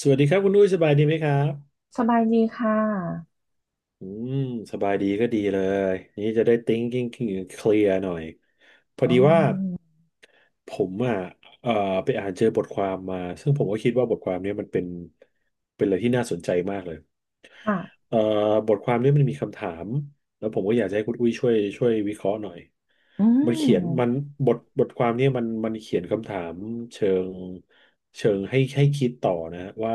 สวัสดีครับคุณนุ้ยสบายดีไหมครับ สบายดีค่ะอืมสบายดีก็ดีเลยนี่จะได้ thinking clear หน่อยพออ๋ดีว่าอผมอ่ะเอ่อไปอ่านเจอบทความมาซึ่งผมก็คิดว่าบทความเนี้ยมันเป็น เป็นอะไรที่น่าสนใจมากเลย ค่ะเอ่อบทความนี้มันมีคำถามแล้วผมก็อยากจะให้คุณอุ้ยช่วยวิเคราะห์หน่อยอืมันเขียนมันมบทความนี้มันเขียนคำถามเชิงเชิงให้คิดต่อนะว่า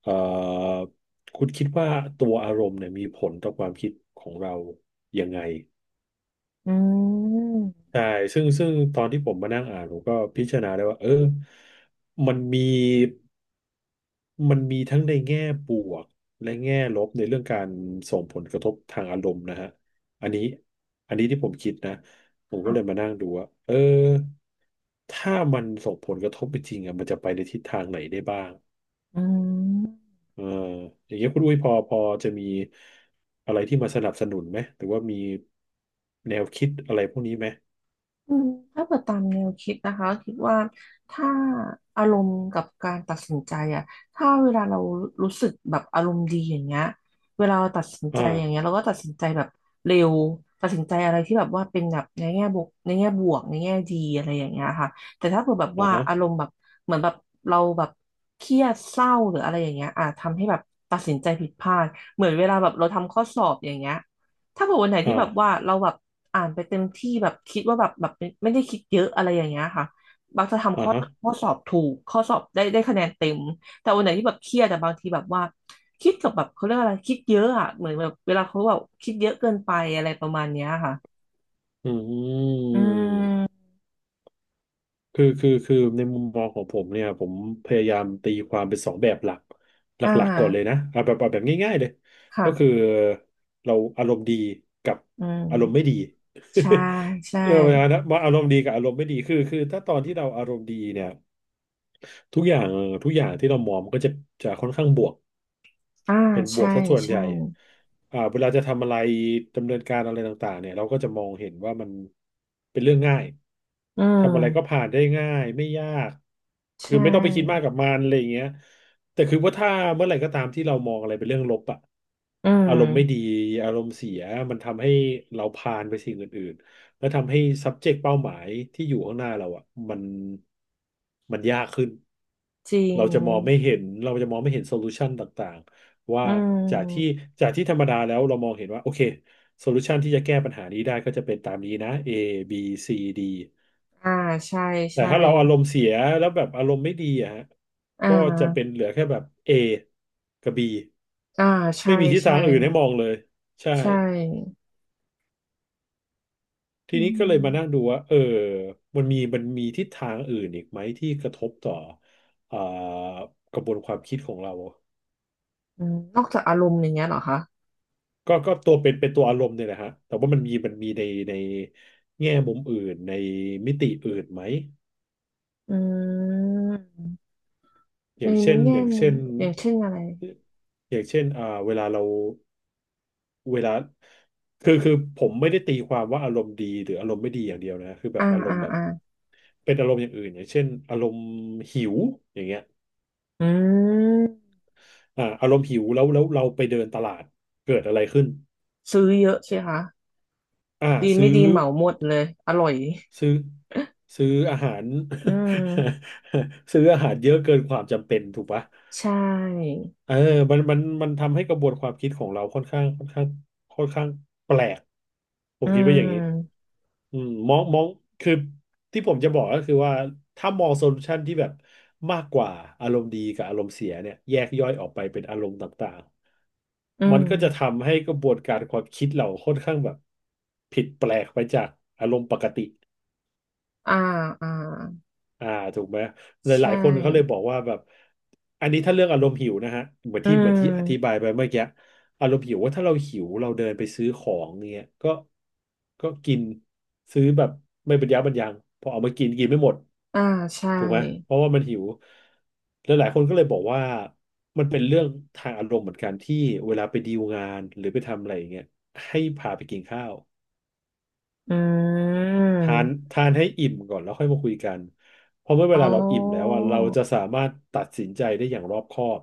เอ่อคุณคิดว่าตัวอารมณ์เนี่ยมีผลต่อความคิดของเรายังไงอืใช่มซึ่งตอนที่ผมมานั่งอ่านผมก็พิจารณาได้ว่าเออมันมี มันมีทั้งในแง่บวกและแง่ลบในเรื่องการส่งผลกระทบทางอารมณ์นะฮะ อันนี้อันนี้ที่ผมคิดนะผมก็เลยค่ะมานั่งดูว่าเออถ้ามันส่งผลกระทบจริงๆอ่ะมันจะไปในทิศทางไหนได้บ้างอืม เอออย่างเงี้ยคุณอุ้ยพอจะมีอะไรที่มาสนับสนุนไหมหรือว่ามีแนวคิดอะไรพวกนี้ไหมอืมถ้าเปิดตามแนวคิดนะคะคิดว่าถ้าอารมณ์กับการตัดสินใจอะถ้าเวลาเรารู้สึกแบบอารมณ์ดีอย่างเงี้ยเวลาเราตัดสินใจอ่าอย่างเงี้ยเราก็ตัดสินใจแบบเร็วตัดสินใจอะไรที่แบบว่าเป็นแบบในแง่บวกในแง่บวกในแง่ดีอะไรอย่างเงี้ยค่ะแต่ถ้าเกิดแบบอ่าว่าฮะอารมณ์แบบเหมือนแบบเราแบบเครียดเศร้าหรืออะไรอย่างเงี้ยอ่ะทำให้แบบตัดสินใจผิดพลาดเหมือนเวลาแบบเราทำข้อสอบอย่างเงี้ย ถ้าเผื่อวันไหนที่อ่าแบบว่าเราแบบอ่านไปเต็มที่แบบคิดว่าแบบแบบไม่ได้คิดเยอะอะไรอย่างเงี้ยค่ะบางจะทำอ่าข้อฮะข้อสอบถูกข้อสอบได้คะแนนเต็มแต่วันไหนที่แบบเครียดแต่บางทีแบบว่าคิดกับแบบเขาเรียกอะไรคิดเยอะอ่ะเหมือนแบบเวลาเขาแบบคิดเยอะเกินไปอะไรประมาณเนี้ยค่ะอือืม มคือในมุมมองของผมเนี่ยผมพยายามตีความเป็นสองแบบหลักหอ่าลักๆก่อนเลยนะเอาแบบเอาแบบง่ายๆเลยก็คือค่ะเราอารมณ์ดีกับอืมอารมณ์ไม่ดี ใช่ใช่เรื่องปะาณนั้นว่าอารมณ์ดีกับอารมณ์ไม่ดีคือถ้าตอนที่เราอารมณ์ดีเนี่ยทุกอย่างทุกอย่างที่เรามองมันก็จะจะค่อนข้างบวก อ่าเป็นบวใช่กซะส่วนใหใช่ญ่อ่าเวลาจะทำอะไรดำเนินการอะไรต่างๆเนี่ยเราก็จะมองเห็นว่ามันเป็นเรื่องง่ายอืทำอะไรก็มผ่านได้ง่ายไม่ยาก ใชคือไม่ต้องไปคิดมาก่กับมันอะไรอย่างเงี้ยแต่คือว่าถ้าเมื่อไหร่ก็ตามที่เรามองอะไรเป็นเรื่องลบอะอือารมณ์ไม่ดีมอารมณ์เสียมันทำให้เราผ่านไปสิ่งอื่นๆและทำให้ subject เป้าหมายที่อยู่ข้างหน้าเราอะมันมันยากขึ้น จริเรางจะมองไม่เห็นเราจะมองไม่เห็นโซลูชันต่าง ว่าอืจากที่มจากที่ธรรมดาแล้วเรามองเห็นว่าโอเคโซลูชันที่จะแก้ปัญหานี้ได้ก็จะเป็นตามนี้นะ A B C D อ่าใช่แต่ใช่ ถ้าเราอารมณ์เสียแล้วแบบอารมณ์ไม่ดีอะฮะอ่ก็จะเป็นาเหลือแค่แบบ A กับ B อ่าใช่ไม่มีทิศทาใช่งอื่นให้มองเลยใช่ใช่ทีอืนี้ก็เลยมานั่งมดูว่าเออมันมีทิศทางอื่นอีกไหมที่กระทบต่อเอ่อกระบวนความคิดของเรา อืมนอกจากอารมณ์อย่างเงี้ยเหรอคะก็ตัวเป็นเป็นตัวอารมณ์เนี่ยแหละฮะแต่ว่ามันมีในในแง่มุมอื่นในมิติอื่นไหมอืมอในย่างเช่นแง่อย่างมุเช่มนอย่างเช่นอะไรอย่างเช่นอ่าเวลาเราเวลาคือผมไม่ได้ตีความว่าอารมณ์ดีหรืออารมณ์ไม่ดีอย่างเดียวนะคือแบอ่าบอารมอ่าณ์แบบอ่าเป็นอารมณ์อย่างอื่นอย่างเช่นอารมณ์หิวอย่างเงี้ยอืมอ่าอารมณ์หิวแล้วเราไปเดินตลาดเกิดอะไรขึ้นซื้อเยอะสิคะอ่าดีซื้ไม่อ ดีเหมาหมดเลยอร่อยซื้อซื้ออาหาร อืม ซื้ออาหารเยอะเกินความจำเป็นถูกปะใช่เออมันทำให้กระบวนความคิดของเราค่อนข้างค่อนข้างค่อนข้างแปลกผอืมคิดว่าอย่างนี้มอืมมองมองคือที่ผมจะบอกก็คือว่าถ้ามองโซลูชันที่แบบมากกว่าอารมณ์ดีกับอารมณ์เสียเนี่ยแยกย่อยออกไปเป็นอารมณ์ต่างอืๆมันมก็จะทำให้กระบวนการความคิดเราค่อนข้างแบบผิดแปลกไปจากอารมณ์ปกติ อ่าอ่าอ่าถูกไหมหลายหใช่ลายคนเขาเลยบอกว่าแบบอันนี้ถ้าเรื่องอารมณ์หิวนะฮะเหมือนอืที่เหมือนที่อธิบามยไปเมื่อกี้อารมณ์หิวว่าถ้าเราหิวเราเดินไปซื้อของเงี้ยก็ก็กินซื้อแบบไม่บรรยะบรรยังพอเอามากินกินไม่หมดอ่าใช่ถูกไหมเพราะว่ามันหิวแล้วหลายคนก็เลยบอกว่ามันเป็นเรื่องทางอารมณ์เหมือนกันที่เวลาไปดีลงานหรือไปทำอะไรอย่างเงี้ยให้พาไปกินข้าว อืทานมทานให้อิ่มก่อนแล้วค่อยมาคุยกัน เพราะเมื่อเวอ๋ลาเราอิ่มแล้วอ อะเราจะสามารถตัดสินใจได้อย่างรอบคอบ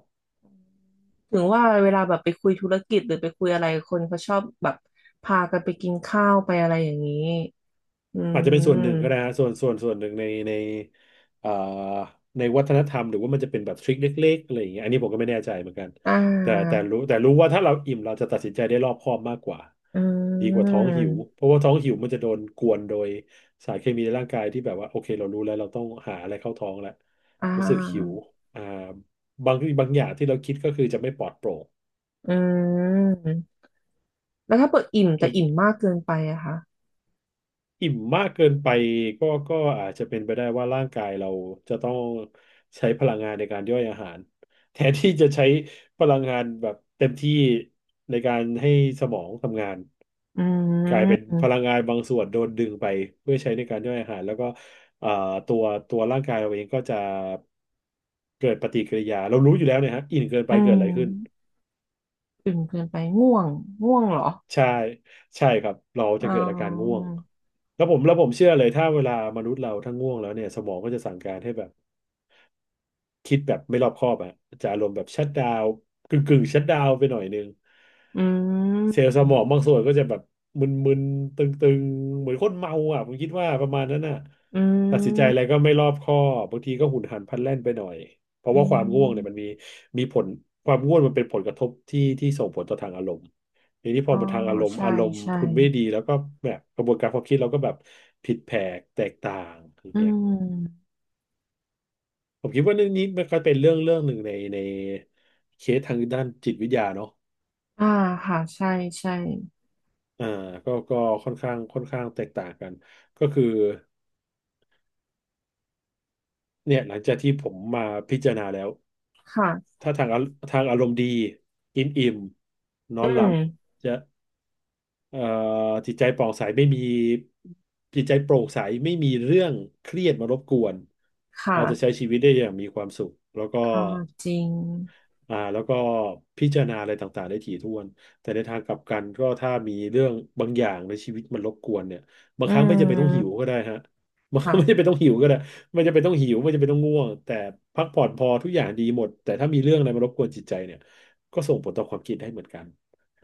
ถึงว่าเวลาแบบไปคุยธุรกิจหรือไปคุยอะไรคนเขาชอบแบบพากันไปกินข้าวไปอะไรอย่างนี้อือาจจะเป็นส่วนหนึ่งก็ได้มฮะส่วนหนึ่งในเอ่อในวัฒนธรรมหรือว่ามันจะเป็นแบบทริคเล็กๆอะไรอย่างเงี้ยอันนี้ผมก็ไม่แน่ใจเหมือนกันอ่แต่แต่ารู้แต่รู้ว่าถ้าเราอิ่มเราจะตัดสินใจได้รอบคอบมากกว่าอืดีกว่าท้องหิวมเพราะว่าท้องหิวมันจะโดนกวนโดยสารเคมีในร่างกายที่แบบว่าโอเคเรารู้แล้วเราต้องหาอะไรเข้าท้องแล้วอ่ารู้สึกหิวอ่าบางอย่างที่เราคิดก็คือจะไม่ปลอดโปร่ง อืมแล้วถ้าเปิดอิ่มแต่อิ่มมากเกินไปอะคะอิ่มมากเกินไปก็อาจจะเป็นไปได้ว่าร่างกายเราจะต้องใช้พลังงานในการย่อยอาหาร แทนที่จะใช้พลังงานแบบเต็มที่ในการให้สมองทำงานอืกลายเป็นพมลังงานบางส่วนโดนดึงไปเพื่อใช้ในการย่อยอาหารแล้วก็เอ่อตัวตัวร่างกายเราเองก็จะเกิดปฏิกิริยาเรารู้อยู่แล้วเนี่ยฮะอิ่มเกินไปอืเกิดมอะไรขึ้น อิ่มเกินไปง่วงง่วงเหรอใช่ใช่ครับเราอ๋จะอเกิดอาการง่วงแล้วผมเชื่อเลยถ้าเวลามนุษย์เราถ้าง่วงแล้วเนี่ยสมองก็จะสั่งการให้แบบ คิดแบบไม่รอบคอบอะจะอารมณ์แบบชั d ดาวกึ่งชัตดาวไปหน่อยนึงอืเซลล์สมองมบางส่วนก็จะแบบมึนๆตึงๆเหมือนคนเมาอ่ะผมคิดว่าประมาณนั้นน่ะอืตัดสินใจมอะไรก็ไม่รอบคอบบางทีก็หุนหันพลันแล่นไปหน่อยเพราะอืว่าความง่วงเนี่ยมันมมีผลความง่วงมันเป็นผลกระทบที่ส่งผลต่อทางอารมณ์ทีนี้พอ๋ออมาทางอารมณ์ใช่อารมณ์ใช่คุณไม่ดีแล้วก็แบบกระบวนการความคิดเราก็แบบผิดแผกแตกต่างอย่าอืงเงี้ย มผมคิดว่าเรื่องนี้มันก็เป็นเรื่องหนึ่งในในเคสทางด้านจิตวิทยาเนาะอ่าค่ะใช่ใช่ อ่าก็ค่อนข้างแตกต่างกัน ก็คือเนี่ยหลังจากที่ผมมาพิจารณาแล้วค่ะถ้าทางอารมณ์ดีกินอิ่มนออืนหลัมบจะเอ่อจิตใจป่องใสไม่มีจิตใจโปร่งใสไม่มีเรื่องเครียดมารบกวนเราจะใช้ค่ะชีวิตได้อย่างมีความสุขแล้วก็ อ่าจริงแล้วก็พิจารณาอะไรต่างๆได้ถี่ถ้วนแต่ในทางกลับกันก็ถ้ามีเรื่องบางอย่างในชีวิตมันรบกวนเนี่ยบาอืงครั้งไม่จำเป็นต้องหิวมก็ได้ฮะ มันค่ะไม่จำเป็นต้องหิวก็ได้ไม่จำเป็นต้องหิวไม่จำเป็นต้องง่วงแต่พักผ่อนพอทุกอย่างดีหมดแต่ถ้ามีเรื่องอะไรมารบกวนจิตใจเนี่ยก็ส่งผลต่อความคิดได้เหมือนกัน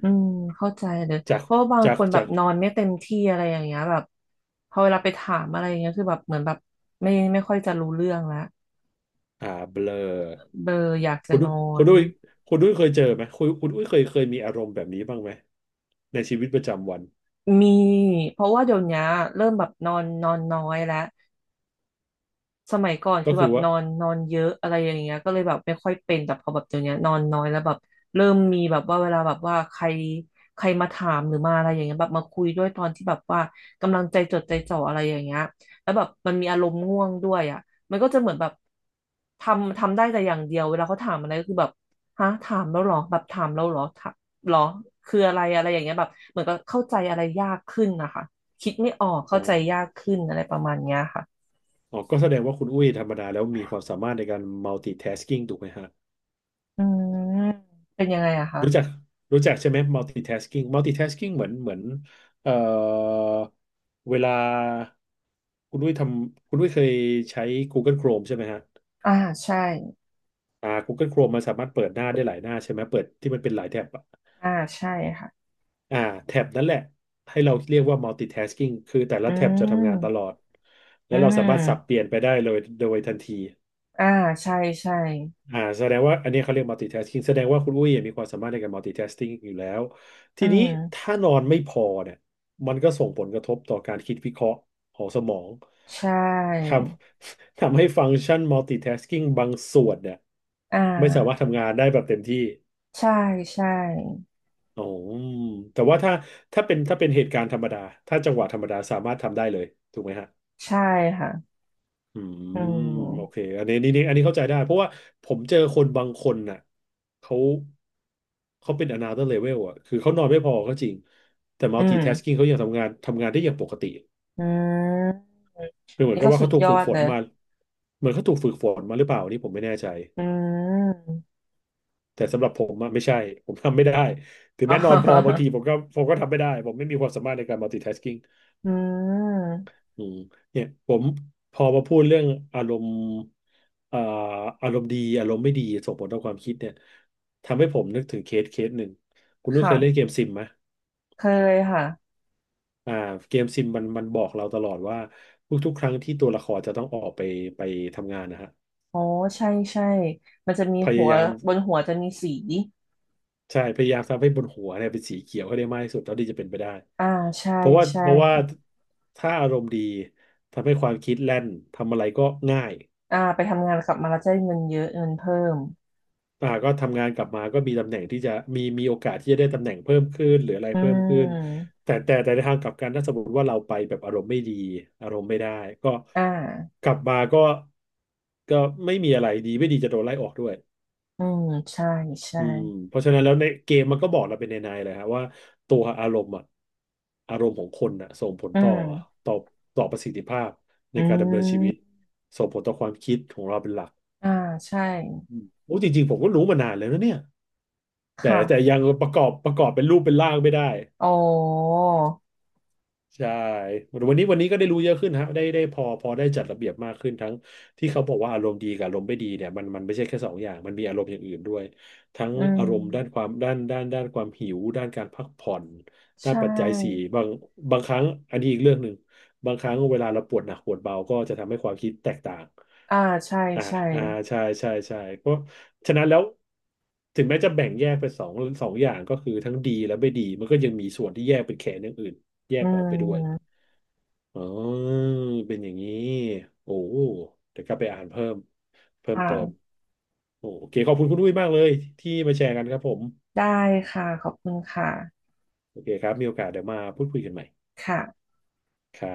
อืมเข้าใจเลยจากเพราะว่าบางจาคกนแบจาบกนอนไม่เต็มที่อะไรอย่างเงี้ยแบบพอเวลาไปถามอะไรอย่างเงี้ยคือแบบเหมือนแบบไม่ค่อยจะรู้เรื่องแลวอ่าเบลอเบลออยากจะคุณนอคุณนด้วยคุณด้วยเคยเจอไหมคุณด้วยเคยมีอารมณ์แบบนี้บ้างไหมในชีวิตประจำวันมีเพราะว่าเดี๋ยวเนี้ยเริ่มแบบนอนนอนน้อยแล้ว สมัยก่อนก็คือแบคือบว่านอนนอนเยอะอะไรอย่างเงี้ยก็เลยแบบไม่ค่อยเป็นแต่พอแบบเดี๋ยวเนี้ยนอนน้อยแล้วแบบเริ่มมีแบบว่าเวลาแบบว่าใครใครมาถามหรือมาอะไรอย่างเงี้ยแบบมาคุยด้วยตอนที่แบบว่ากำลังใจจดใจจ่ออะไรอย่างเงี้ยแล้วแบบมันมีอารมณ์ง่วงด้วยอ่ะมันก็จะเหมือนแบบทำได้แต่อย่างเดียวเวลาเขาถามอะไรก็คือแบบฮะถามแล้วเหรอแบบถามแล้วเหรอถามเหรอคืออะไรอะไรอย่างเงี้ยแบบเหมือนก็เข้าใจอะไรยากขึ้นนะคะคิดไม่ออกอ๋อ เข้าใจยากขึ้นอะไรประมาณเนี้ยค่ะ อ๋อก็แสดงว่าคุณอุ้ยธรรมดาแล้วมีความสามารถในการ multitasking ถูกไหมฮะอืมเป็นยังไงอะคะรู้จักรู้จักใช่ไหม multitasking เหมือนเอ่อเวลาคุณอุ้ยทคุณอุ้ยเคยใช้ Google Chrome ใช่ไหมฮะอ่าใช่อ่า Google Chrome มันสามารถเปิดหน้าได้หลายหน้าใช่ไหมเปิดที่มันเป็นหลายแท็บอะอ่าใช่ค่ะ อ่าแท็บนั่นแหละให้เราเรียกว่า multitasking คือแต่ละอืแท็บจะทำงานตลอม ดแล้อืวเราสามารถสับเปมลี่ยนไปได้เลยโดยทันที อ่าใช่ใช่ อ่าแสดงว่าอันนี้เขาเรียก multitasking แสดงว่าคุณอุ้ยมีความสามารถในการ multitasking อยู่แล้วอืทีนี้ม ถ้านอนไม่พอเนี่ยมันก็ส่งผลกระทบต่อการคิดวิเคราะห์ของสมองใช่ทำ ทำให้ฟังก์ชัน multitasking บางส่วนเนี่ยอ่ไม่สามารถาทำงานได้แบบเต็มที่ใช่ใช่ อ๋อแต่ว่าถ้าถ้าเป็นเหตุการณ์ธรรมดาถ้าจังหวะธรรมดาสามารถทำได้เลยถูกไหมฮะ ใช่ค่ะ อือืมโอเคม อันนี้นี่อันนี้เข้าใจได้เพราะว่าผมเจอคนบางคนน่ะเขาเขาเป็น another level อ่ะคือเขานอนไม่พอก็จริงแต่ อื multitasking มเขายังทำงานได้อย่างปกติอืมคือเหอันมือนนี้กับก็ว่าสุเขาดถูกยฝึอกดฝเลนยมาเหมือนเขาถูกฝึกฝนมาหรือเปล่าอันนี้ผมไม่แน่ใจอืม แต่สำหรับผมอะไม่ใช่ผมทำไม่ได้ถึ งอ๋แม้นอนพอบางอทีผมก็ทำไม่ได้ผมไม่มีความสามารถในการ multitasking อืมอืมเนี่ยผมพอมาพูดเรื่องอารมณ์เอ่ออารมณ์ดีอารมณ์ไม่ดีส่งผลต่อความคิดเนี่ยทำให้ผมนึกถึงเคสหนึ่งคุณนุ้ยเคยเล่นเกค่ะมซิมไหมเคยค่ะอ่าเกมซิมมันบอกเราตลอดว่าทุกๆครั้งที่ตัวละครจะต้องออกไปไปทำงานนะฮะอ๋อใช่ใช่มันจะมีพหัยาวยามบนหัวจะมีสีใช่พยายามทำให้บนหัวเนี่ยเป็นสีเขียวให้ได้มากที่สุดเท่าที่จะเป็นไปได้อ่าใช่เพราะว่าใช่ เพราะว่าถ้าอารมณ์ดีทำให้ความคิดแล่นทำอะไรก็ง่าย อ่าไปทำงานกลับมาแล้วจะได้เงินเยอะเงินเพิ่มอ่าก็ทำงานกลับมาก็มีตำแหน่งที่จะมีโอกาสที่จะได้ตำแหน่งเพิ่มขึ้นหรืออะไรอืเพิ่มขึ้นมแต่ในทางกลับกันถ้าสมมติว่าเราไปแบบอารมณ์ไม่ดีอารมณ์ไม่ได้ก็อ่ากลับมาก็ไม่มีอะไรดีไม่ดีจะโดนไล่ออกด้วยอืมใช่ใช่อืมเพราะฉะนั้นแล้วในเกมมันก็บอกเราเป็นในเลยฮะว่าตัวอารมณ์อะอารมณ์ของคนอะส่งผลอืต่อมต่อต่อประสิทธิภาพในอืการดำเนินชีวิตมส่งผลต่อความคิดของเราเป็นหลักอ่า ใช่ อืมโอ้จริงๆผมก็รู้มานานแล้วนะเนี่ย แต่ค่ะยังประกอบเป็นรูปเป็นร่างไม่ได้อ๋อใช่วันนี้ก็ได้รู้เยอะขึ้นฮะได้พอได้จัดระเบียบมากขึ้นทั้งที่เขาบอกว่าอารมณ์ดีกับอารมณ์ไม่ดีเนี่ยมันไม่ใช่แค่สองอย่างมันมีอารมณ์อย่างอื่นด้วยทั้งอืมอารมณ์ด้านความด้านความหิวด้านการพักผ่อนใชด้านปัจจัยสี่่ บางบางครั้งอันนี้อีกเรื่องหนึ่ง บางครั้งเวลาเราปวดหนักปวดเบาก็จะทำให้ความคิดแตกต่าง อ่า ใช่อ่าใช่อ่าใช่ใช่ใช่เพราะฉะนั้นแล้วถึงแม้จะแบ่งแยกเป็นสองสองอย่างก็คือทั้งดีและไม่ดีมันก็ยังมีส่วนที่แยกเป็นแขนอย่างอื่นแยอืกออกไปด้วย มอ๋อ เป็นอย่างนี้ โอ้เดี๋ยวกลับไปอ่านเพิ่มเพิ่มเติมค่ะโอโอเค ขอบคุณคุณอุ้ยมากเลยที่มาแชร์กันครับผม ได้ค่ะขอบคุณค่ะโอเคครับมีโอกาสเดี๋ยวมาพูดคุยกันใหม่ค่ะครับ